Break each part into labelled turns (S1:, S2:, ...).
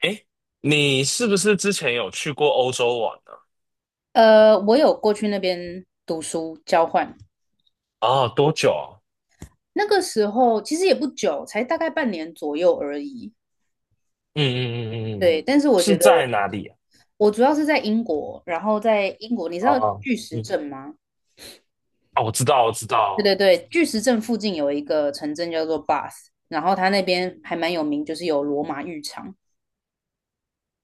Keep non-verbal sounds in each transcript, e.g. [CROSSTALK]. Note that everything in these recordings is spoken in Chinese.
S1: 诶，你是不是之前有去过欧洲玩呢？
S2: 我有过去那边读书交换，
S1: 哦，多久啊？
S2: 那个时候其实也不久，才大概半年左右而已。
S1: 嗯嗯嗯嗯嗯，
S2: 对，但是我觉
S1: 是
S2: 得
S1: 在哪里啊？
S2: 我主要是在英国，然后在英国，你知道
S1: 哦，
S2: 巨石
S1: 嗯，
S2: 阵吗？
S1: 哦，我知道，我知
S2: 对对
S1: 道。
S2: 对，巨石阵附近有一个城镇叫做 Bath，然后它那边还蛮有名，就是有罗马浴场。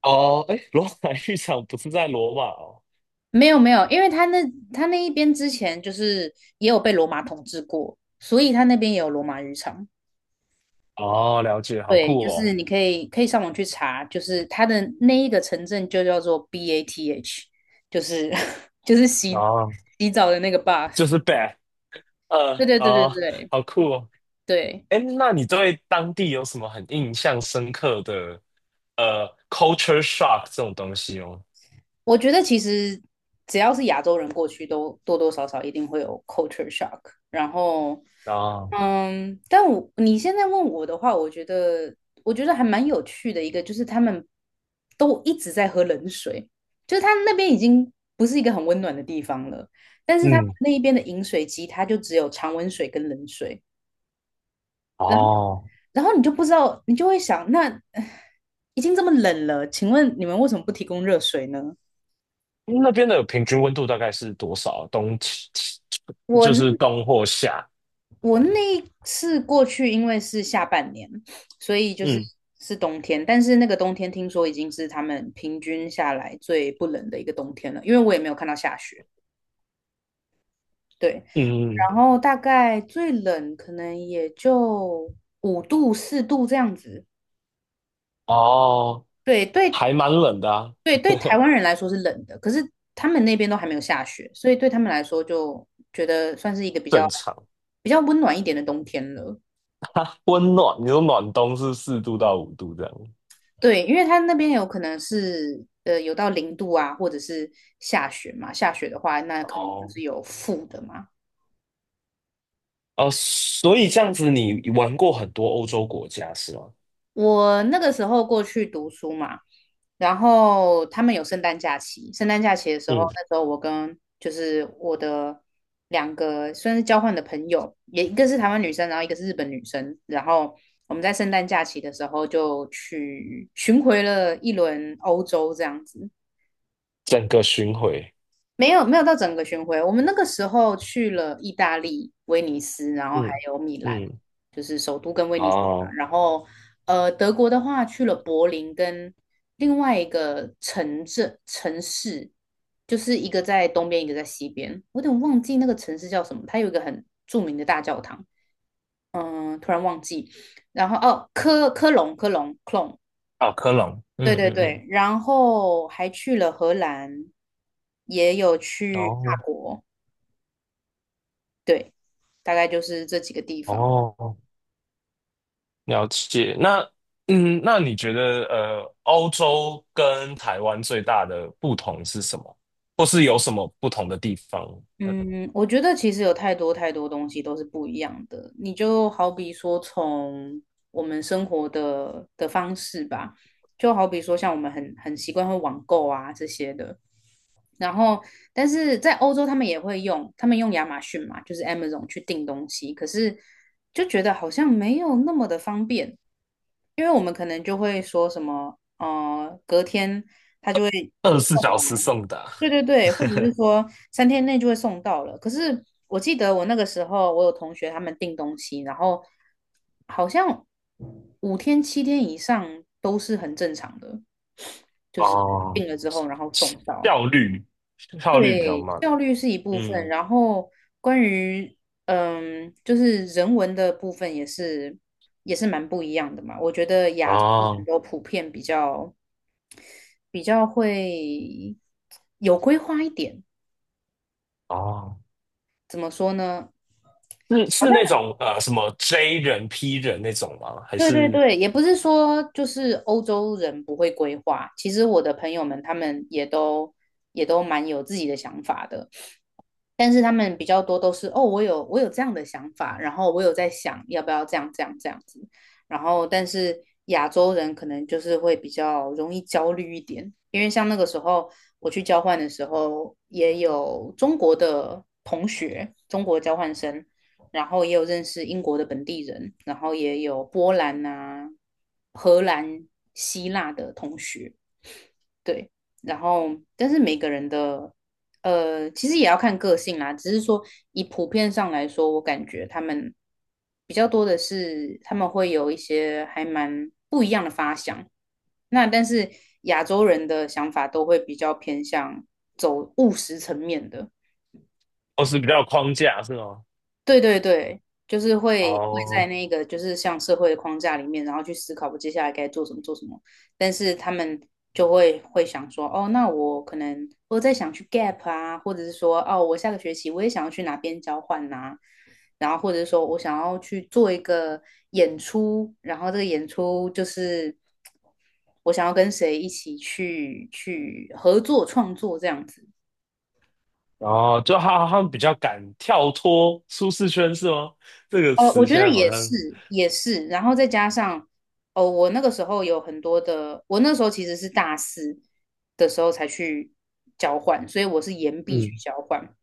S1: 哦，哎，罗马浴场不是在罗马哦。
S2: 没有没有，因为它那一边之前就是也有被罗马统治过，所以它那边也有罗马浴场。
S1: 哦，了解，好
S2: 对，
S1: 酷
S2: 就
S1: 哦。
S2: 是你可以上网去查，就是它的那一个城镇就叫做 BATH，就是 [LAUGHS] 就是洗
S1: 哦，
S2: 洗澡的那个 bath。
S1: 就是 BADH，
S2: 对对对对
S1: 哦，
S2: 对
S1: 好酷哦。
S2: 对，
S1: 哎，那你对当地有什么很印象深刻的culture shock 这种东西哦？
S2: 我觉得其实只要是亚洲人过去都多多少少一定会有 culture shock，然后
S1: 啊，
S2: 但你现在问我的话，我觉得还蛮有趣的一个，就是他们都一直在喝冷水，就是他那边已经不是一个很温暖的地方了，但是他们
S1: 嗯，
S2: 那一边的饮水机，它就只有常温水跟冷水，
S1: 哦，
S2: 然后你就不知道，你就会想，那 [SIGHS] 唉已经这么冷了，请问你们为什么不提供热水呢？
S1: 那边的平均温度大概是多少？冬，
S2: 我
S1: 就是
S2: 那
S1: 冬或夏。
S2: 我那一次过去，因为是下半年，所以就是
S1: 嗯
S2: 是冬天，但是那个冬天听说已经是他们平均下来最不冷的一个冬天了，因为我也没有看到下雪。对，
S1: 嗯嗯，
S2: 然后大概最冷可能也就5度、4度这样子。
S1: 哦，
S2: 对，对，
S1: 还蛮冷的啊，
S2: 对，对，台湾人来说是冷的，可是他们那边都还没有下雪，所以对他们来说就觉得算是一个比较
S1: 正常。
S2: 比较温暖一点的冬天了。
S1: [LAUGHS] 温暖，你说暖冬是4度到5度这样。
S2: 对，因为它那边有可能是有到0度啊，或者是下雪嘛。下雪的话，那可能就
S1: 哦
S2: 是有负的嘛。
S1: 哦，所以这样子你玩过很多欧洲国家是吗？
S2: 我那个时候过去读书嘛，然后他们有圣诞假期，圣诞假期的时候，
S1: 嗯，
S2: 那时候我跟就是我的2个算是交换的朋友，也一个是台湾女生，然后一个是日本女生，然后我们在圣诞假期的时候就去巡回了一轮欧洲这样子。
S1: 整个巡回。
S2: 没有没有到整个巡回，我们那个时候去了意大利、威尼斯，然后还
S1: 嗯
S2: 有米兰，
S1: 嗯，
S2: 就是首都跟威尼斯嘛
S1: 哦，
S2: 然后德国的话去了柏林跟另外一个城市，就是一个在东边，一个在西边。我有点忘记那个城市叫什么，它有一个很著名的大教堂，突然忘记。然后哦，科隆 Colone
S1: 啊，科隆。
S2: 对
S1: 嗯
S2: 对
S1: 嗯
S2: 对，
S1: 嗯，
S2: 然后还去了荷兰，也有去
S1: 哦
S2: 法国。对，大概就是这几个地方。
S1: 哦。了解。那你觉得欧洲跟台湾最大的不同是什么？或是有什么不同的地方？呃
S2: 嗯，我觉得其实有太多太多东西都是不一样的。你就好比说，从我们生活的方式吧，就好比说像我们很习惯会网购啊这些的。然后，但是在欧洲他们也会用，他们用亚马逊嘛，就是 Amazon 去订东西，可是就觉得好像没有那么的方便，因为我们可能就会说什么，隔天他就会
S1: 二十四
S2: 送
S1: 小时
S2: 来。
S1: 送达
S2: 对对对，或者是说3天内就会送到了。可是我记得我那个时候，我有同学他们订东西，然后好像5天7天以上都是很正常的，
S1: [LAUGHS]
S2: 就是
S1: 哦，
S2: 订了之后然后送到。
S1: 效率效率比较
S2: 对，
S1: 慢。
S2: 效率是一部分，
S1: 嗯，
S2: 然后关于就是人文的部分也是蛮不一样的嘛。我觉得亚洲人
S1: 哦
S2: 都普遍比较会有规划一点，
S1: 哦，
S2: 怎么说呢？
S1: 是
S2: 好
S1: 是那
S2: 像。
S1: 种什么 J 人 P 人那种吗？还
S2: 对对
S1: 是
S2: 对，也不是说就是欧洲人不会规划，其实我的朋友们他们也都蛮有自己的想法的。但是他们比较多都是哦，我有这样的想法，然后我有在想要不要这样这样这样子，然后但是亚洲人可能就是会比较容易焦虑一点，因为像那个时候我去交换的时候，也有中国的同学，中国交换生，然后也有认识英国的本地人，然后也有波兰啊、荷兰、希腊的同学，对，然后但是每个人的其实也要看个性啦。只是说以普遍上来说，我感觉他们比较多的是他们会有一些还蛮不一样的发想。那但是亚洲人的想法都会比较偏向走务实层面的，
S1: 哦是比较有框架是吗？
S2: 对对对，就是会在
S1: 哦
S2: 那个就是像社会的框架里面，然后去思考我接下来该做什么做什么。但是他们就会想说，哦，那我可能我在想去 gap 啊，或者是说，哦，我下个学期我也想要去哪边交换呐、然后或者是说我想要去做一个演出，然后这个演出就是我想要跟谁一起去合作创作这样子。
S1: 哦，就他们比较敢跳脱舒适圈是吗？这个
S2: 我
S1: 词
S2: 觉
S1: 现
S2: 得
S1: 在好
S2: 也是，
S1: 像。
S2: 也是，然后再加上，哦，我那个时候有很多的，我那时候其实是大四的时候才去交换，所以我是延毕去
S1: 嗯。
S2: 交换，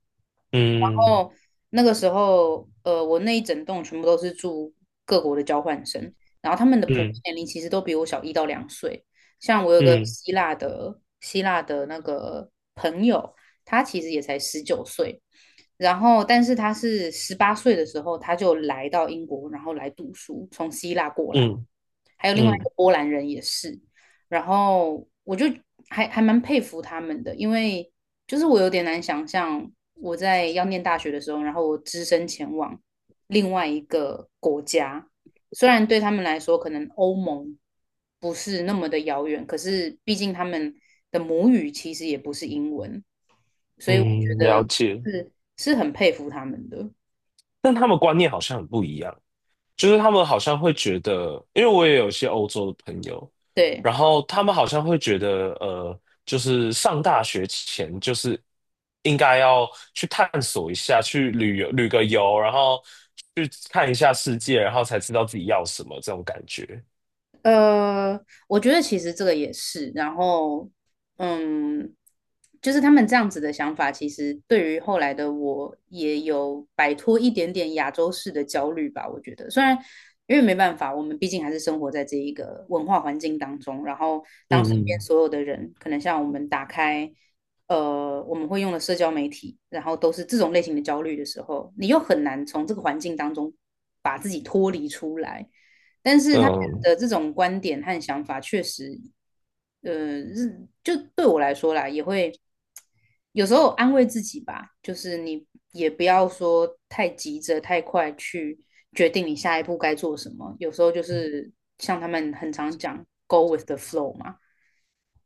S1: 嗯
S2: 后那个时候，我那一整栋全部都是住各国的交换生，然后他们的普遍
S1: 嗯
S2: 年龄其实都比我小1到2岁。像我有个
S1: 嗯
S2: 希腊的那个朋友，他其实也才19岁，然后但是他是18岁的时候他就来到英国，然后来读书，从希腊过来。
S1: 嗯
S2: 还有另外一
S1: 嗯
S2: 个波兰人也是，然后我就还蛮佩服他们的，因为就是我有点难想象我在要念大学的时候，然后我只身前往另外一个国家，虽然对他们来说可能欧盟不是那么的遥远，可是毕竟他们的母语其实也不是英文，所以我觉
S1: 嗯，了
S2: 得
S1: 解。
S2: 是是很佩服他们的。
S1: 但他们观念好像很不一样，就是他们好像会觉得，因为我也有一些欧洲的朋友，
S2: 对，
S1: 然后他们好像会觉得，就是上大学前就是应该要去探索一下，去旅游旅个游，然后去看一下世界，然后才知道自己要什么这种感觉。
S2: 呃，我觉得其实这个也是，然后，嗯，就是他们这样子的想法，其实对于后来的我也有摆脱一点点亚洲式的焦虑吧。我觉得，虽然因为没办法，我们毕竟还是生活在这一个文化环境当中，然后当身边
S1: 嗯
S2: 所有的人，可能像我们打开，我们会用的社交媒体，然后都是这种类型的焦虑的时候，你又很难从这个环境当中把自己脱离出来。但是他们
S1: 嗯
S2: 的这种观点和想法确实，就对我来说啦，也会有时候安慰自己吧，就是你也不要说太急着、太快去决定你下一步该做什么。有时候就
S1: 嗯。
S2: 是像他们很常讲 "go with the flow" 嘛，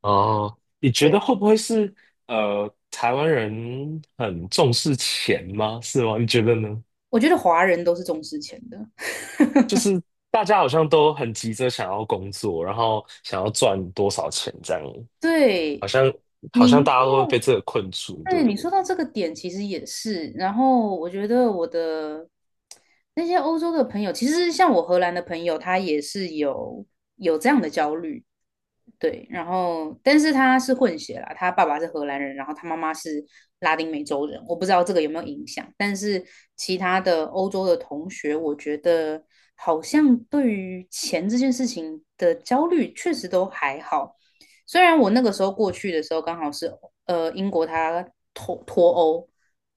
S1: 哦，你觉得会不会是台湾人很重视钱吗？是吗？你觉得呢？
S2: 我觉得华人都是重视钱的。[LAUGHS]
S1: 就是大家好像都很急着想要工作，然后想要赚多少钱这样，好
S2: 对
S1: 像好像大
S2: 你，
S1: 家都会被这个困住，对
S2: 对，
S1: 不
S2: 你说
S1: 对？
S2: 到这个点，其实也是。然后我觉得我的那些欧洲的朋友，其实像我荷兰的朋友，他也是有这样的焦虑。对，然后但是他是混血啦，他爸爸是荷兰人，然后他妈妈是拉丁美洲人，我不知道这个有没有影响，但是其他的欧洲的同学，我觉得好像对于钱这件事情的焦虑确实都还好，虽然我那个时候过去的时候刚好是英国他脱欧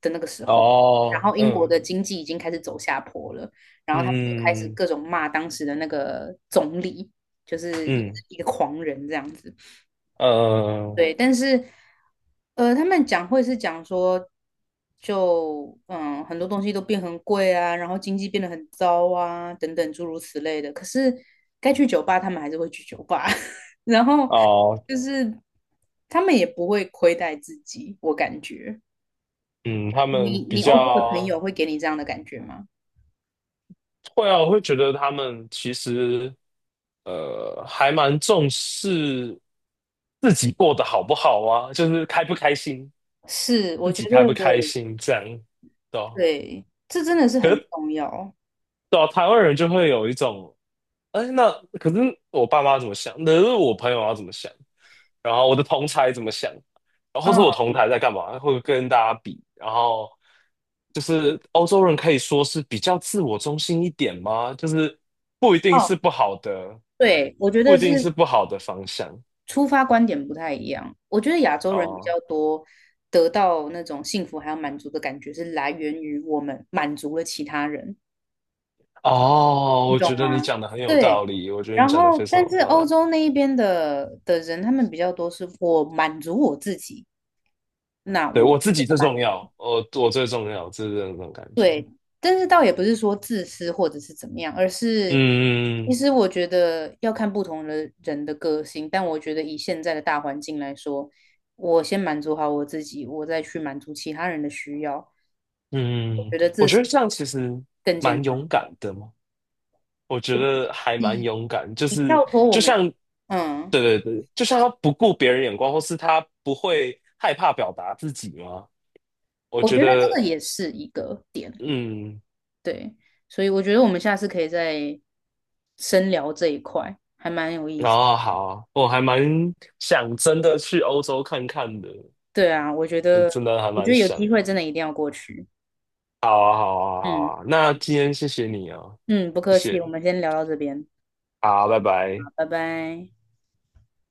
S2: 的那个时候，然
S1: 哦，
S2: 后英国
S1: 嗯
S2: 的经济已经开始走下坡了，然后他们就开始
S1: 嗯
S2: 各种骂当时的那个总理，就是也
S1: 嗯
S2: 是
S1: 嗯
S2: 一个狂人这样子。
S1: 呃
S2: 对，但是他们讲会是讲说，就很多东西都变很贵啊，然后经济变得很糟啊，等等诸如此类的。可是该去酒吧，他们还是会去酒吧，[LAUGHS] 然后
S1: 哦
S2: 就是他们也不会亏待自己，我感觉。
S1: 嗯，他们
S2: 你
S1: 比
S2: 你欧洲的朋
S1: 较
S2: 友会给你这样的感觉吗？
S1: 会啊，我会觉得他们其实还蛮重视自己过得好不好啊，就是开不开心，
S2: 是，我
S1: 自
S2: 觉
S1: 己开
S2: 得
S1: 不开心这样，对啊
S2: 对，这真的是
S1: 可
S2: 很
S1: 是
S2: 重要。
S1: 对啊，台湾人就会有一种，哎，那可是我爸妈怎么想？可是我朋友要怎么想？然后我的同才怎么想，然后或是我
S2: 嗯，
S1: 同台在干嘛，会跟大家比，然后就是欧洲人可以说是比较自我中心一点吗？就是不一定是
S2: 哦，
S1: 不好的，
S2: 对，我觉
S1: 不
S2: 得
S1: 一
S2: 是
S1: 定是不好的方向
S2: 出发观点不太一样。我觉得亚洲人比较
S1: 哦
S2: 多得到那种幸福还有满足的感觉，是来源于我们满足了其他人，
S1: 哦，
S2: 你
S1: 我
S2: 懂
S1: 觉得你
S2: 吗？
S1: 讲的很有道
S2: 对。
S1: 理，我觉得你
S2: 然
S1: 讲的
S2: 后，
S1: 非常
S2: 但
S1: 有
S2: 是
S1: 道
S2: 欧
S1: 理。
S2: 洲那一边的人，他们比较多是我满足我自己，那
S1: 对，
S2: 我。
S1: 我自己最重要，我最重要，就是这种感觉。
S2: 对，但是倒也不是说自私或者是怎么样，而是其
S1: 嗯
S2: 实我觉得要看不同的人的个性。但我觉得以现在的大环境来说，我先满足好我自己，我再去满足其他人的需要，我
S1: 嗯，
S2: 觉得
S1: 我
S2: 这
S1: 觉
S2: 是
S1: 得这样其实
S2: 更健
S1: 蛮
S2: 康。
S1: 勇敢的嘛。我觉得还蛮勇敢，就
S2: 你
S1: 是
S2: 跳脱我
S1: 就
S2: 们，
S1: 像，
S2: 嗯，
S1: 对对对，就像他不顾别人眼光，或是他不会害怕表达自己吗？我
S2: 我
S1: 觉
S2: 觉得
S1: 得，
S2: 这个也是一个点，
S1: 嗯，
S2: 对，所以我觉得我们下次可以再深聊这一块，还蛮有意
S1: 然
S2: 思。
S1: 后好，我还蛮想真的去欧洲看看的，
S2: 对啊，我觉
S1: 就
S2: 得，
S1: 真的还
S2: 我觉
S1: 蛮
S2: 得有
S1: 想。
S2: 机会真的一定要过去，
S1: 好啊，好啊，好
S2: 嗯。
S1: 啊，那今天谢谢你啊，
S2: 嗯，不客
S1: 谢
S2: 气，
S1: 谢，
S2: 我们先聊到这边，
S1: 好，拜拜。
S2: 好拜拜。